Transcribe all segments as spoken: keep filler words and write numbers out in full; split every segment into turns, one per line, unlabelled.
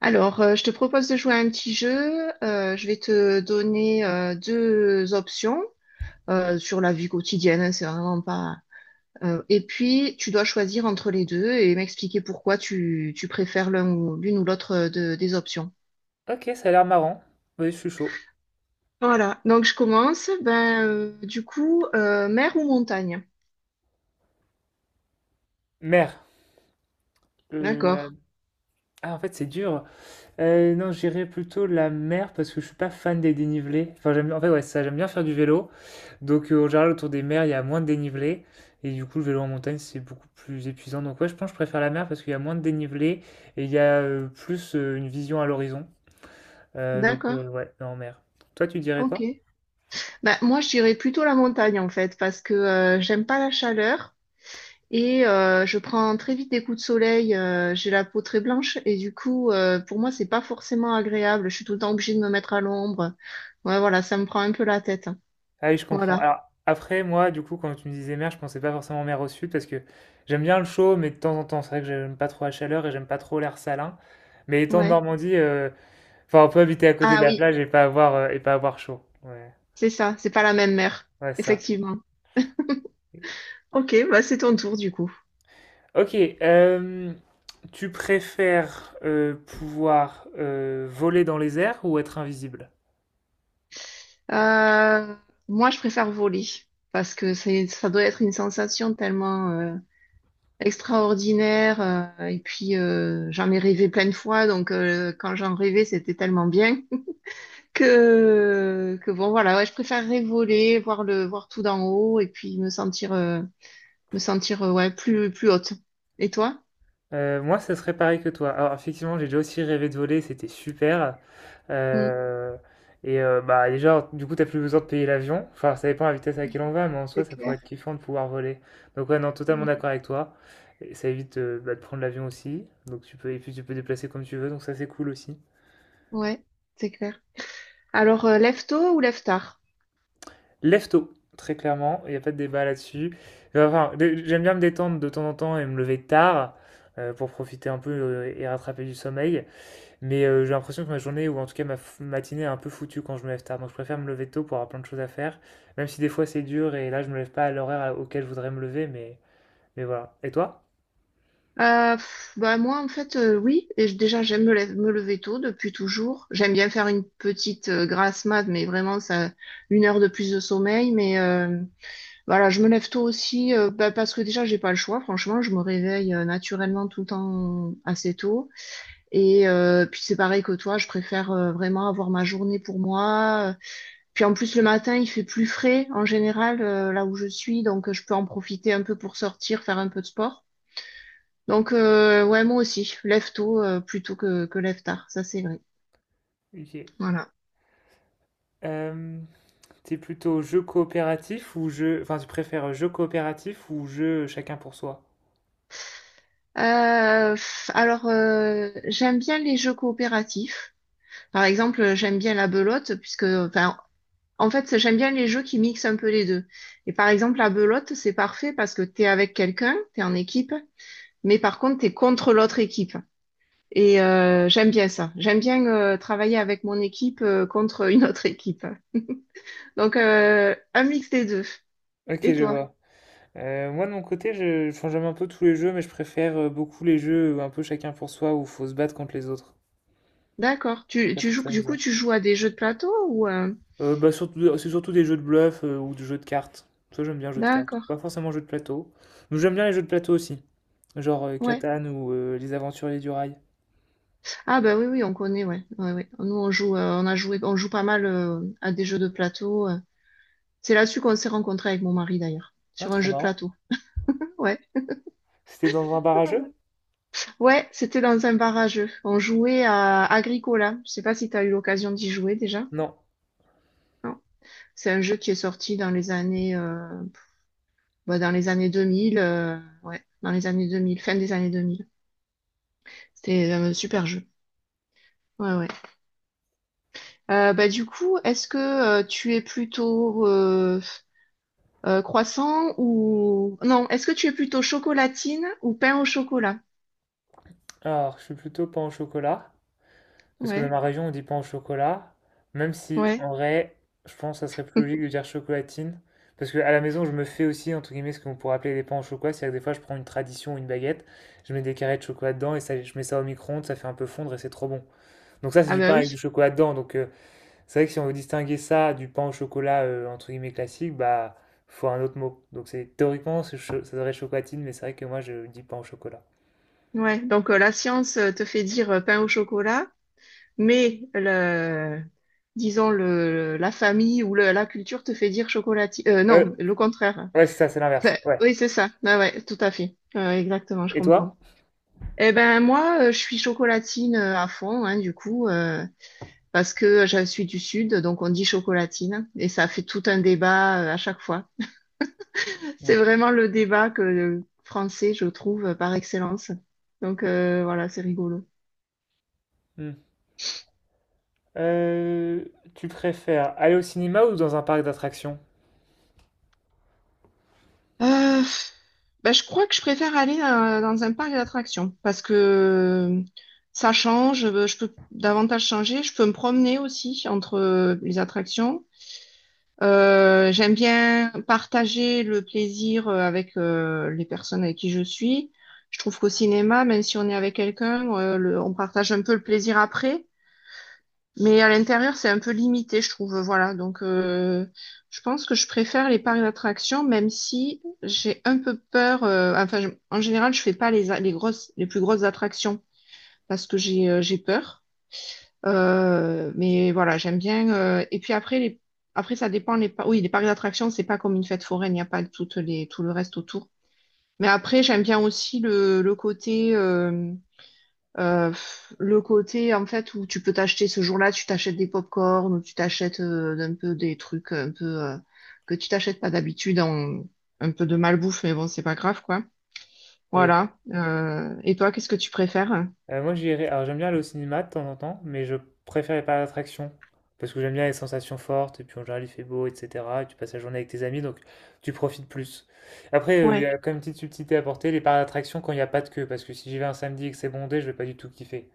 Alors, euh, je te propose de jouer à un petit jeu. Euh, je vais te donner euh, deux options euh, sur la vie quotidienne. Hein, c'est vraiment pas. Euh, et puis, tu dois choisir entre les deux et m'expliquer pourquoi tu, tu préfères l'un ou l'une ou l'autre euh, de- des options.
Ok, ça a l'air marrant. Oui, je suis chaud.
Voilà. Donc, je commence. Ben, euh, du coup, euh, mer ou montagne?
Mer. La-
D'accord.
Ah, en fait, c'est dur. Euh, non, j'irais plutôt la mer parce que je suis pas fan des dénivelés. Enfin, j'aime, en fait, ouais, ça, j'aime bien faire du vélo. Donc, euh, en général, autour des mers, il y a moins de dénivelé. Et du coup, le vélo en montagne, c'est beaucoup plus épuisant. Donc, ouais, je pense que je préfère la mer parce qu'il y a moins de dénivelé et il y a euh, plus euh, une vision à l'horizon. Euh, donc,
D'accord.
euh, ouais, non, en mer. Toi, tu dirais
Ok.
quoi?
Ben, moi, je dirais plutôt la montagne en fait parce que euh, j'aime pas la chaleur. Et euh, je prends très vite des coups de soleil, euh, j'ai la peau très blanche et du coup, euh, pour moi, c'est pas forcément agréable. Je suis tout le temps obligée de me mettre à l'ombre. Ouais, voilà, ça me prend un peu la tête, hein.
Ah oui, je comprends.
Voilà,
Alors après, moi, du coup, quand tu me disais mer, je pensais pas forcément mer au sud parce que j'aime bien le chaud, mais de temps en temps, c'est vrai que j'aime pas trop la chaleur et j'aime pas trop l'air salin. Mais étant de
ouais.
Normandie, euh, enfin, on peut habiter à côté de
Ah
la
oui,
plage et pas avoir, euh, et pas avoir chaud. Ouais,
c'est ça, c'est pas la même mer,
ouais, ça.
effectivement. Ok, bah c'est ton tour du coup.
Ok, euh, tu préfères euh, pouvoir euh, voler dans les airs ou être invisible?
Euh, Moi, je préfère voler parce que c'est, ça doit être une sensation tellement euh, extraordinaire euh, et puis euh, j'en ai rêvé plein de fois, donc euh, quand j'en rêvais, c'était tellement bien. que, que bon, voilà, ouais, je préférerais voler, voir le, voir tout d'en haut et puis me sentir, euh, me sentir, euh, ouais, plus, plus haute. Et toi?
Heu, moi, ce serait pareil que toi. Alors effectivement, j'ai déjà aussi rêvé de voler, c'était super,
Mm,
heu et heu, bah, déjà, du coup, t'as plus besoin de payer l'avion. Enfin, ça dépend de la vitesse à laquelle on va, mais en soi,
c'est
ça pourrait
clair.
être kiffant de pouvoir voler. Donc ouais, non, totalement
Mm,
d'accord avec toi et ça évite, heu, bah, de prendre l'avion aussi. Donc tu peux et puis tu peux déplacer comme tu veux, donc ça, c'est cool aussi.
ouais, c'est clair. Alors, euh, lève tôt ou lève tard?
Lève tôt, très clairement, il n'y a pas de débat là-dessus. Enfin, j'aime bien me détendre de temps en temps et me lever tard, heu, pour profiter un peu, heu et rattraper du sommeil. Mais euh, j'ai l'impression que ma journée, ou en tout cas ma f- matinée, est un peu foutue quand je me lève tard. Donc je préfère me lever tôt pour avoir plein de choses à faire. Même si des fois c'est dur et là je me lève pas à l'horaire auquel je voudrais me lever, mais, mais voilà. Et toi?
Euh, pff, bah moi en fait euh, oui et je- déjà j'aime me, lève- me lever tôt depuis toujours. J'aime bien faire une petite euh, grasse mat mais vraiment ça une heure de plus de sommeil mais euh, voilà, je me lève tôt aussi, euh, bah, parce que déjà, j'ai pas le choix. Franchement, je me réveille euh, naturellement tout le temps assez tôt. Et euh, puis c'est pareil que toi, je préfère euh, vraiment avoir ma journée pour moi. Puis en plus, le matin, il fait plus frais en général euh, là où je suis, donc euh, je peux en profiter un peu pour sortir, faire un peu de sport. Donc euh, ouais, moi aussi, lève tôt euh, plutôt que, que lève tard, ça c'est vrai.
Ok.
Voilà.
Euh, t'es plutôt jeu coopératif ou jeu... Enfin, tu préfères jeu coopératif ou jeu chacun pour soi?
Euh, pff, alors, euh, j'aime bien les jeux coopératifs. Par exemple, j'aime bien la belote, puisque, enfin, en fait, j'aime bien les jeux qui mixent un peu les deux. Et par exemple, la belote, c'est parfait parce que t'es avec quelqu'un, t'es en équipe, mais par contre, t'es contre l'autre équipe. Et euh, j'aime bien ça. J'aime bien euh, travailler avec mon équipe euh, contre une autre équipe. Donc, euh, un mix des deux.
Ok,
Et
je
toi?
vois. Euh, moi de mon côté, je, enfin, j'aime un peu tous les jeux, mais je préfère euh, beaucoup les jeux euh, un peu chacun pour soi où faut se battre contre les autres.
D'accord. Tu,
Ça, je
tu
trouve
joues,
ça
du coup,
amusant.
tu joues à des jeux de plateau ou euh,
Euh, bah, surtout, c'est surtout des jeux de bluff euh, ou des jeux de cartes. Ça, j'aime bien les jeux de cartes.
d'accord.
Pas forcément jeux de plateau. Mais j'aime bien les jeux de plateau aussi. Genre euh,
Ouais.
Catan ou euh, Les Aventuriers du Rail.
Ah bah oui, oui, on connaît, ouais. Ouais, ouais. Nous, on joue, euh, on a joué, on joue pas mal euh, à des jeux de plateau. euh. C'est là-dessus qu'on s'est rencontrés avec mon mari d'ailleurs,
Ah,
sur un
trop
jeu de
marrant.
plateau. Ouais,
C'était dans un bar à jeux?
ouais, c'était dans un bar à jeux. On jouait à Agricola. Je sais pas si tu as eu l'occasion d'y jouer déjà.
Non.
Non. C'est un jeu qui est sorti dans les années, euh, bah, dans les années deux mille. Euh, ouais, dans les années deux mille, fin des années deux mille. C'était un euh, super jeu. Ouais, ouais. Euh, bah, du coup, est-ce que euh, tu es plutôt euh, euh, croissant ou... Non, est-ce que tu es plutôt chocolatine ou pain au chocolat?
Alors, je suis plutôt pain au chocolat. Parce que dans
Ouais,
ma région, on dit pain au chocolat. Même si,
ouais.
en vrai, je pense que ça serait plus logique de dire chocolatine. Parce que à la maison, je me fais aussi, entre guillemets, ce qu'on pourrait appeler des pains au chocolat. C'est-à-dire que des fois, je prends une tradition ou une baguette, je mets des carrés de chocolat dedans et ça, je mets ça au micro-ondes, ça fait un peu fondre et c'est trop bon. Donc ça, c'est
Ah
du
bah
pain avec du
oui.
chocolat dedans. Donc euh, c'est vrai que si on veut distinguer ça du pain au chocolat euh, entre guillemets classique, bah faut un autre mot. Donc c'est théoriquement c'est cho- ça devrait être chocolatine, mais c'est vrai que moi je dis pain au chocolat.
Ouais, donc euh, la science euh, te fait dire euh, pain au chocolat mais le, disons le, la famille ou le- la culture te fait dire chocolatier. Euh,
Euh,
non, le contraire.
ouais, c'est ça, c'est l'inverse.
Enfin,
Ouais.
oui, c'est ça. Ah ouais, tout à fait. Euh, exactement, je
Et toi?
comprends. Eh ben moi, euh, je suis chocolatine euh, à fond, hein, du coup, euh, parce que je suis du sud, donc on dit chocolatine, et ça fait tout un débat euh, à chaque fois. C'est
Ouais.
vraiment le débat que le français, je trouve, euh, par excellence. Donc euh, voilà, c'est rigolo.
Hmm. Euh, tu préfères aller au cinéma ou dans un parc d'attractions?
Euh, Ben, je crois que je préfère aller dans, dans un parc d'attractions parce que euh, ça change, euh, je peux davantage changer, je peux me promener aussi entre euh, les attractions. Euh, j'aime bien partager le plaisir euh, avec euh, les personnes avec qui je suis. Je trouve qu'au cinéma, même si on est avec quelqu'un, euh, le- on partage un peu le plaisir après. Mais à l'intérieur, c'est un peu limité, je trouve. Voilà. Donc, euh, je pense que je préfère les parcs d'attractions, même si j'ai un peu peur. Euh, enfin, je- en général, je fais pas les, a- les grosses, les plus grosses attractions parce que j'ai euh, j'ai peur. Euh, mais voilà, j'aime bien. Euh, et puis après, les, après, ça dépend. Les, par. Oui, les parcs d'attractions, c'est pas comme une fête foraine. Il n'y a pas toutes les, tout le reste autour. Mais après, j'aime bien aussi le, le côté. euh, euh, le côté en fait où tu peux t'acheter ce jour-là, tu t'achètes des pop corn ou tu t'achètes euh, un peu des trucs un peu euh, que tu t'achètes pas d'habitude, en- un peu de malbouffe, mais bon, c'est pas grave quoi.
Oui.
Voilà. Euh, et toi, qu'est-ce que tu préfères?
Euh, moi, j'irais. Alors, j'aime bien aller au cinéma de temps en temps, mais je préfère les parcs d'attractions. Parce que j'aime bien les sensations fortes, et puis en général, il fait beau, et cetera. Et tu passes la journée avec tes amis, donc tu profites plus. Après, euh, il y
Ouais,
a quand même une petite subtilité à porter, les parcs d'attractions quand il n'y a pas de queue. Parce que si j'y vais un samedi et que c'est bondé, je vais pas du tout kiffer.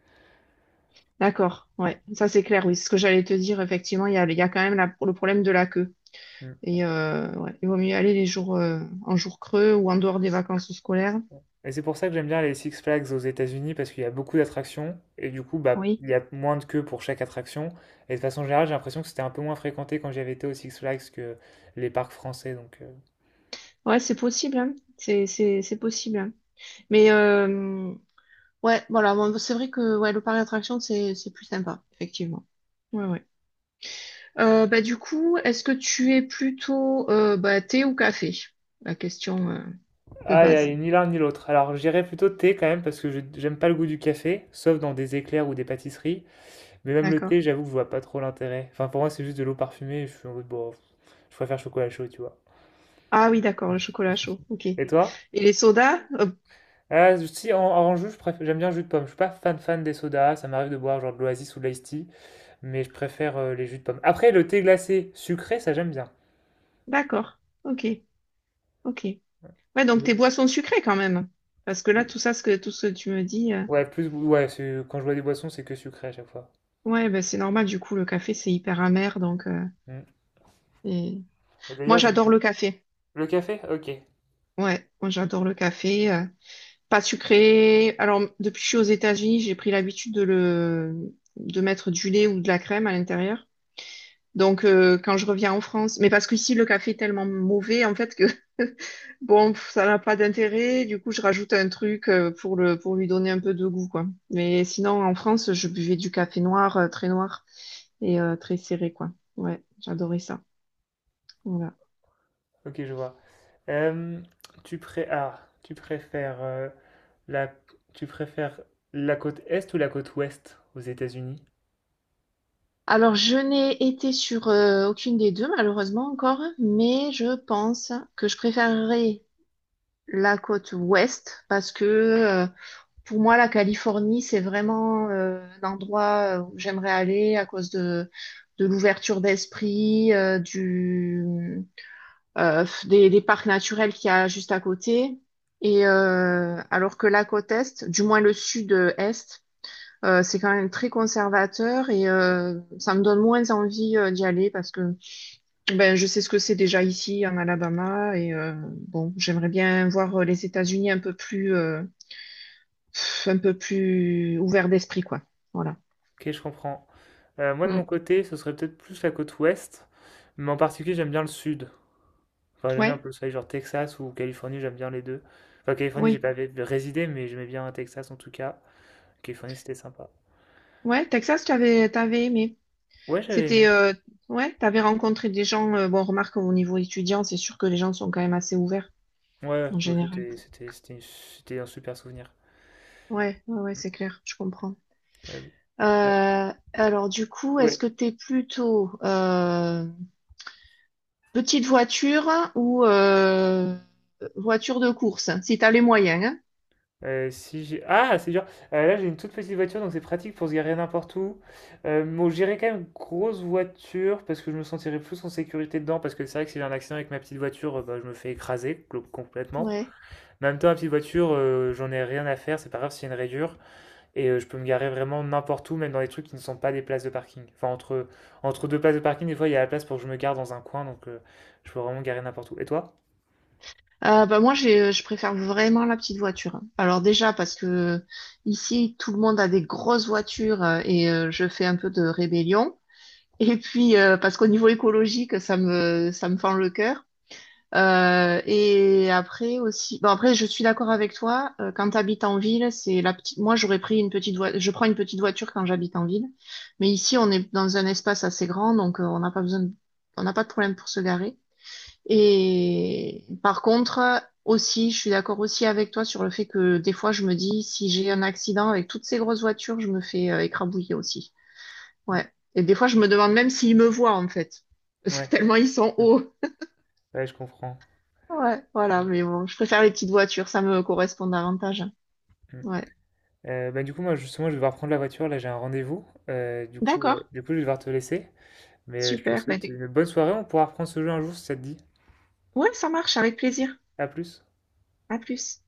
d'accord.
Voilà.
Ouais, ça c'est clair. Oui, c'est ce que j'allais te dire. Effectivement, il y a, il y a quand même la- le problème de la queue.
Mm.
Et euh, ouais, il vaut mieux aller les jours euh, en jours creux ou en dehors des vacances scolaires.
Et c'est pour ça que j'aime bien les Six Flags aux États-Unis, parce qu'il y a beaucoup d'attractions, et du coup, bah,
Oui,
il y a moins de queue pour chaque attraction. Et de façon générale, j'ai l'impression que c'était un peu moins fréquenté quand j'y avais été aux Six Flags que les parcs français, donc. euh,
ouais, c'est possible, hein. C'est c'est c'est possible, hein. Mais euh, ouais, voilà, bon, c'est vrai que ouais, le parc d'attractions, c'est c'est plus sympa, effectivement. Ouais, ouais. Euh, bah, du coup, est-ce que tu es plutôt euh, bah, thé ou café? La question euh, de
Aïe,
base.
aïe, ni l'un ni l'autre. Alors, j'irais plutôt thé quand même parce que je- j'aime pas le goût du café, sauf dans des éclairs ou des pâtisseries. Mais même le
D'accord.
thé, j'avoue que je vois pas trop l'intérêt. Enfin, pour moi, c'est juste de l'eau parfumée. Et je suis en mode, bon, pff, je préfère chocolat chaud, tu vois.
Ah oui, d'accord, le chocolat chaud, ok. Et
Et toi?
les sodas? Euh,
Ah, si, en, en jus, je préfère- j'aime bien le jus de pomme. Je suis pas fan fan des sodas. Ça m'arrive de boire genre de l'Oasis ou de l'Ice Tea, mais je préfère euh, les jus de pomme. Après, le thé glacé sucré, ça j'aime bien.
d'accord, ok, ok. Ouais, donc
Oui.
tes boissons sucrées quand même. Parce que là,
Plus-
tout ça, ce que, tout ce que tu me dis, euh,
Ouais, plus, ouais, c'est- quand je bois des boissons, c'est que sucré à chaque fois.
ouais, bah, c'est normal, du coup, le café, c'est hyper amer, donc... euh,
Mm.
et-
Et
Moi,
d'ailleurs, j'aime
j'adore
beaucoup.
le café.
Le café? Ok.
Ouais, moi, j'adore le café. euh, Pas sucré. Alors, depuis que je suis aux États-Unis, j'ai pris l'habitude de le, de mettre du lait ou de la crème à l'intérieur. Donc, euh, quand je reviens en France, mais parce qu'ici, le café est tellement mauvais, en fait, que bon, pff, ça n'a pas d'intérêt. Du coup, je rajoute un truc euh, pour le, pour lui donner un peu de goût, quoi. Mais sinon, en France, je buvais du café noir, euh, très noir et euh, très serré, quoi. Ouais, j'adorais ça. Voilà.
Ok, je vois. Euh, tu pré- ah, tu préfères euh, la tu préfères la côte est ou la côte ouest aux États-Unis?
Alors, je n'ai été sur euh, aucune des deux, malheureusement encore, mais je pense que je préférerais la côte ouest parce que euh, pour moi la Californie c'est vraiment euh, un endroit où j'aimerais aller à cause de de l'ouverture d'esprit euh, du euh, des, des parcs naturels qu'il y a juste à côté et euh, alors que la côte est, du moins le sud-est, euh, c'est quand même très conservateur et euh, ça me donne moins envie euh, d'y aller parce que ben, je sais ce que c'est déjà ici en Alabama et euh, bon, j'aimerais bien voir euh, les États-Unis un peu plus, euh, pff, un peu plus ouverts d'esprit, quoi. Voilà.
Ok, je comprends. Euh, moi de mon
Mm.
côté, ce serait peut-être plus la côte ouest, mais en particulier j'aime bien le sud. Enfin, j'aime bien un
Ouais,
peu le soleil, genre Texas ou Californie, j'aime bien les deux. Enfin, Californie, j'ai
oui,
pas vé- résidé, mais j'aimais bien Texas en tout cas. Californie, c'était sympa.
ouais. Texas, tu avais, t'avais aimé.
Ouais, j'avais
C'était,
aimé.
euh, ouais, t'avais rencontré des gens. Euh, bon, remarque au niveau étudiant, c'est sûr que les gens sont quand même assez ouverts
Ouais,
en
bon,
général.
c'était c'était c'était c'était un super souvenir.
Ouais, ouais, ouais, c'est clair, je comprends.
Euh, ouais,
Euh, alors du coup, est-ce
ouais,
que t'es plutôt euh, petite voiture ou euh, voiture de course, si tu as les moyens, hein.
Euh, si j'ai... Ah, c'est dur. Euh, là, j'ai une toute petite voiture, donc c'est pratique pour se garer n'importe où. Euh, bon, j'irai quand même grosse voiture parce que je me sentirai plus en sécurité dedans. Parce que c'est vrai que si j'ai un accident avec ma petite voiture, euh, bah, je me fais écraser clo- complètement.
Ouais.
Mais en même temps, ma petite voiture, euh, j'en ai rien à faire. C'est pas grave s'il y a une rayure. Et euh, je peux me garer vraiment n'importe où, même dans les trucs qui ne sont pas des places de parking. Enfin, entre, entre deux places de parking, des fois, il y a la place pour que je me gare dans un coin. Donc, euh, je peux vraiment me garer n'importe où. Et toi?
Euh, bah moi, j'ai, je préfère vraiment la petite voiture. Alors déjà, parce que ici, tout le monde a des grosses voitures euh, et euh, je fais un peu de rébellion. Et puis, euh, parce qu'au niveau écologique, ça me, ça me fend le cœur. Euh, et après aussi, bon après, je suis d'accord avec toi. Euh, quand tu habites en ville, c'est la petite. Moi, j'aurais pris une petite voiture. Je prends une petite voiture quand j'habite en ville, mais ici, on est dans un espace assez grand, donc euh, on n'a pas besoin, de- on n'a pas de problème pour se garer. Et par contre, aussi, je suis d'accord aussi avec toi sur le fait que des fois, je me dis, si j'ai un accident avec toutes ces grosses voitures, je me fais euh, écrabouiller aussi.
Mm.
Ouais. Et des fois, je me demande même s'ils me voient, en fait.
Ouais,
Tellement ils sont
mm,
hauts.
ouais, je comprends.
Ouais, voilà, mais bon, je préfère les petites voitures, ça me correspond davantage.
Mm.
Ouais.
Euh, bah, du coup, moi, justement, je vais devoir prendre la voiture. Là, j'ai un rendez-vous. Euh, du coup,
D'accord.
euh, du coup, je vais devoir te laisser. Mais euh, je te
Super. Ben,
souhaite
t'es-
une bonne soirée. On pourra reprendre ce jeu un jour si ça te dit.
ouais, ça marche, avec plaisir.
À plus.
À plus.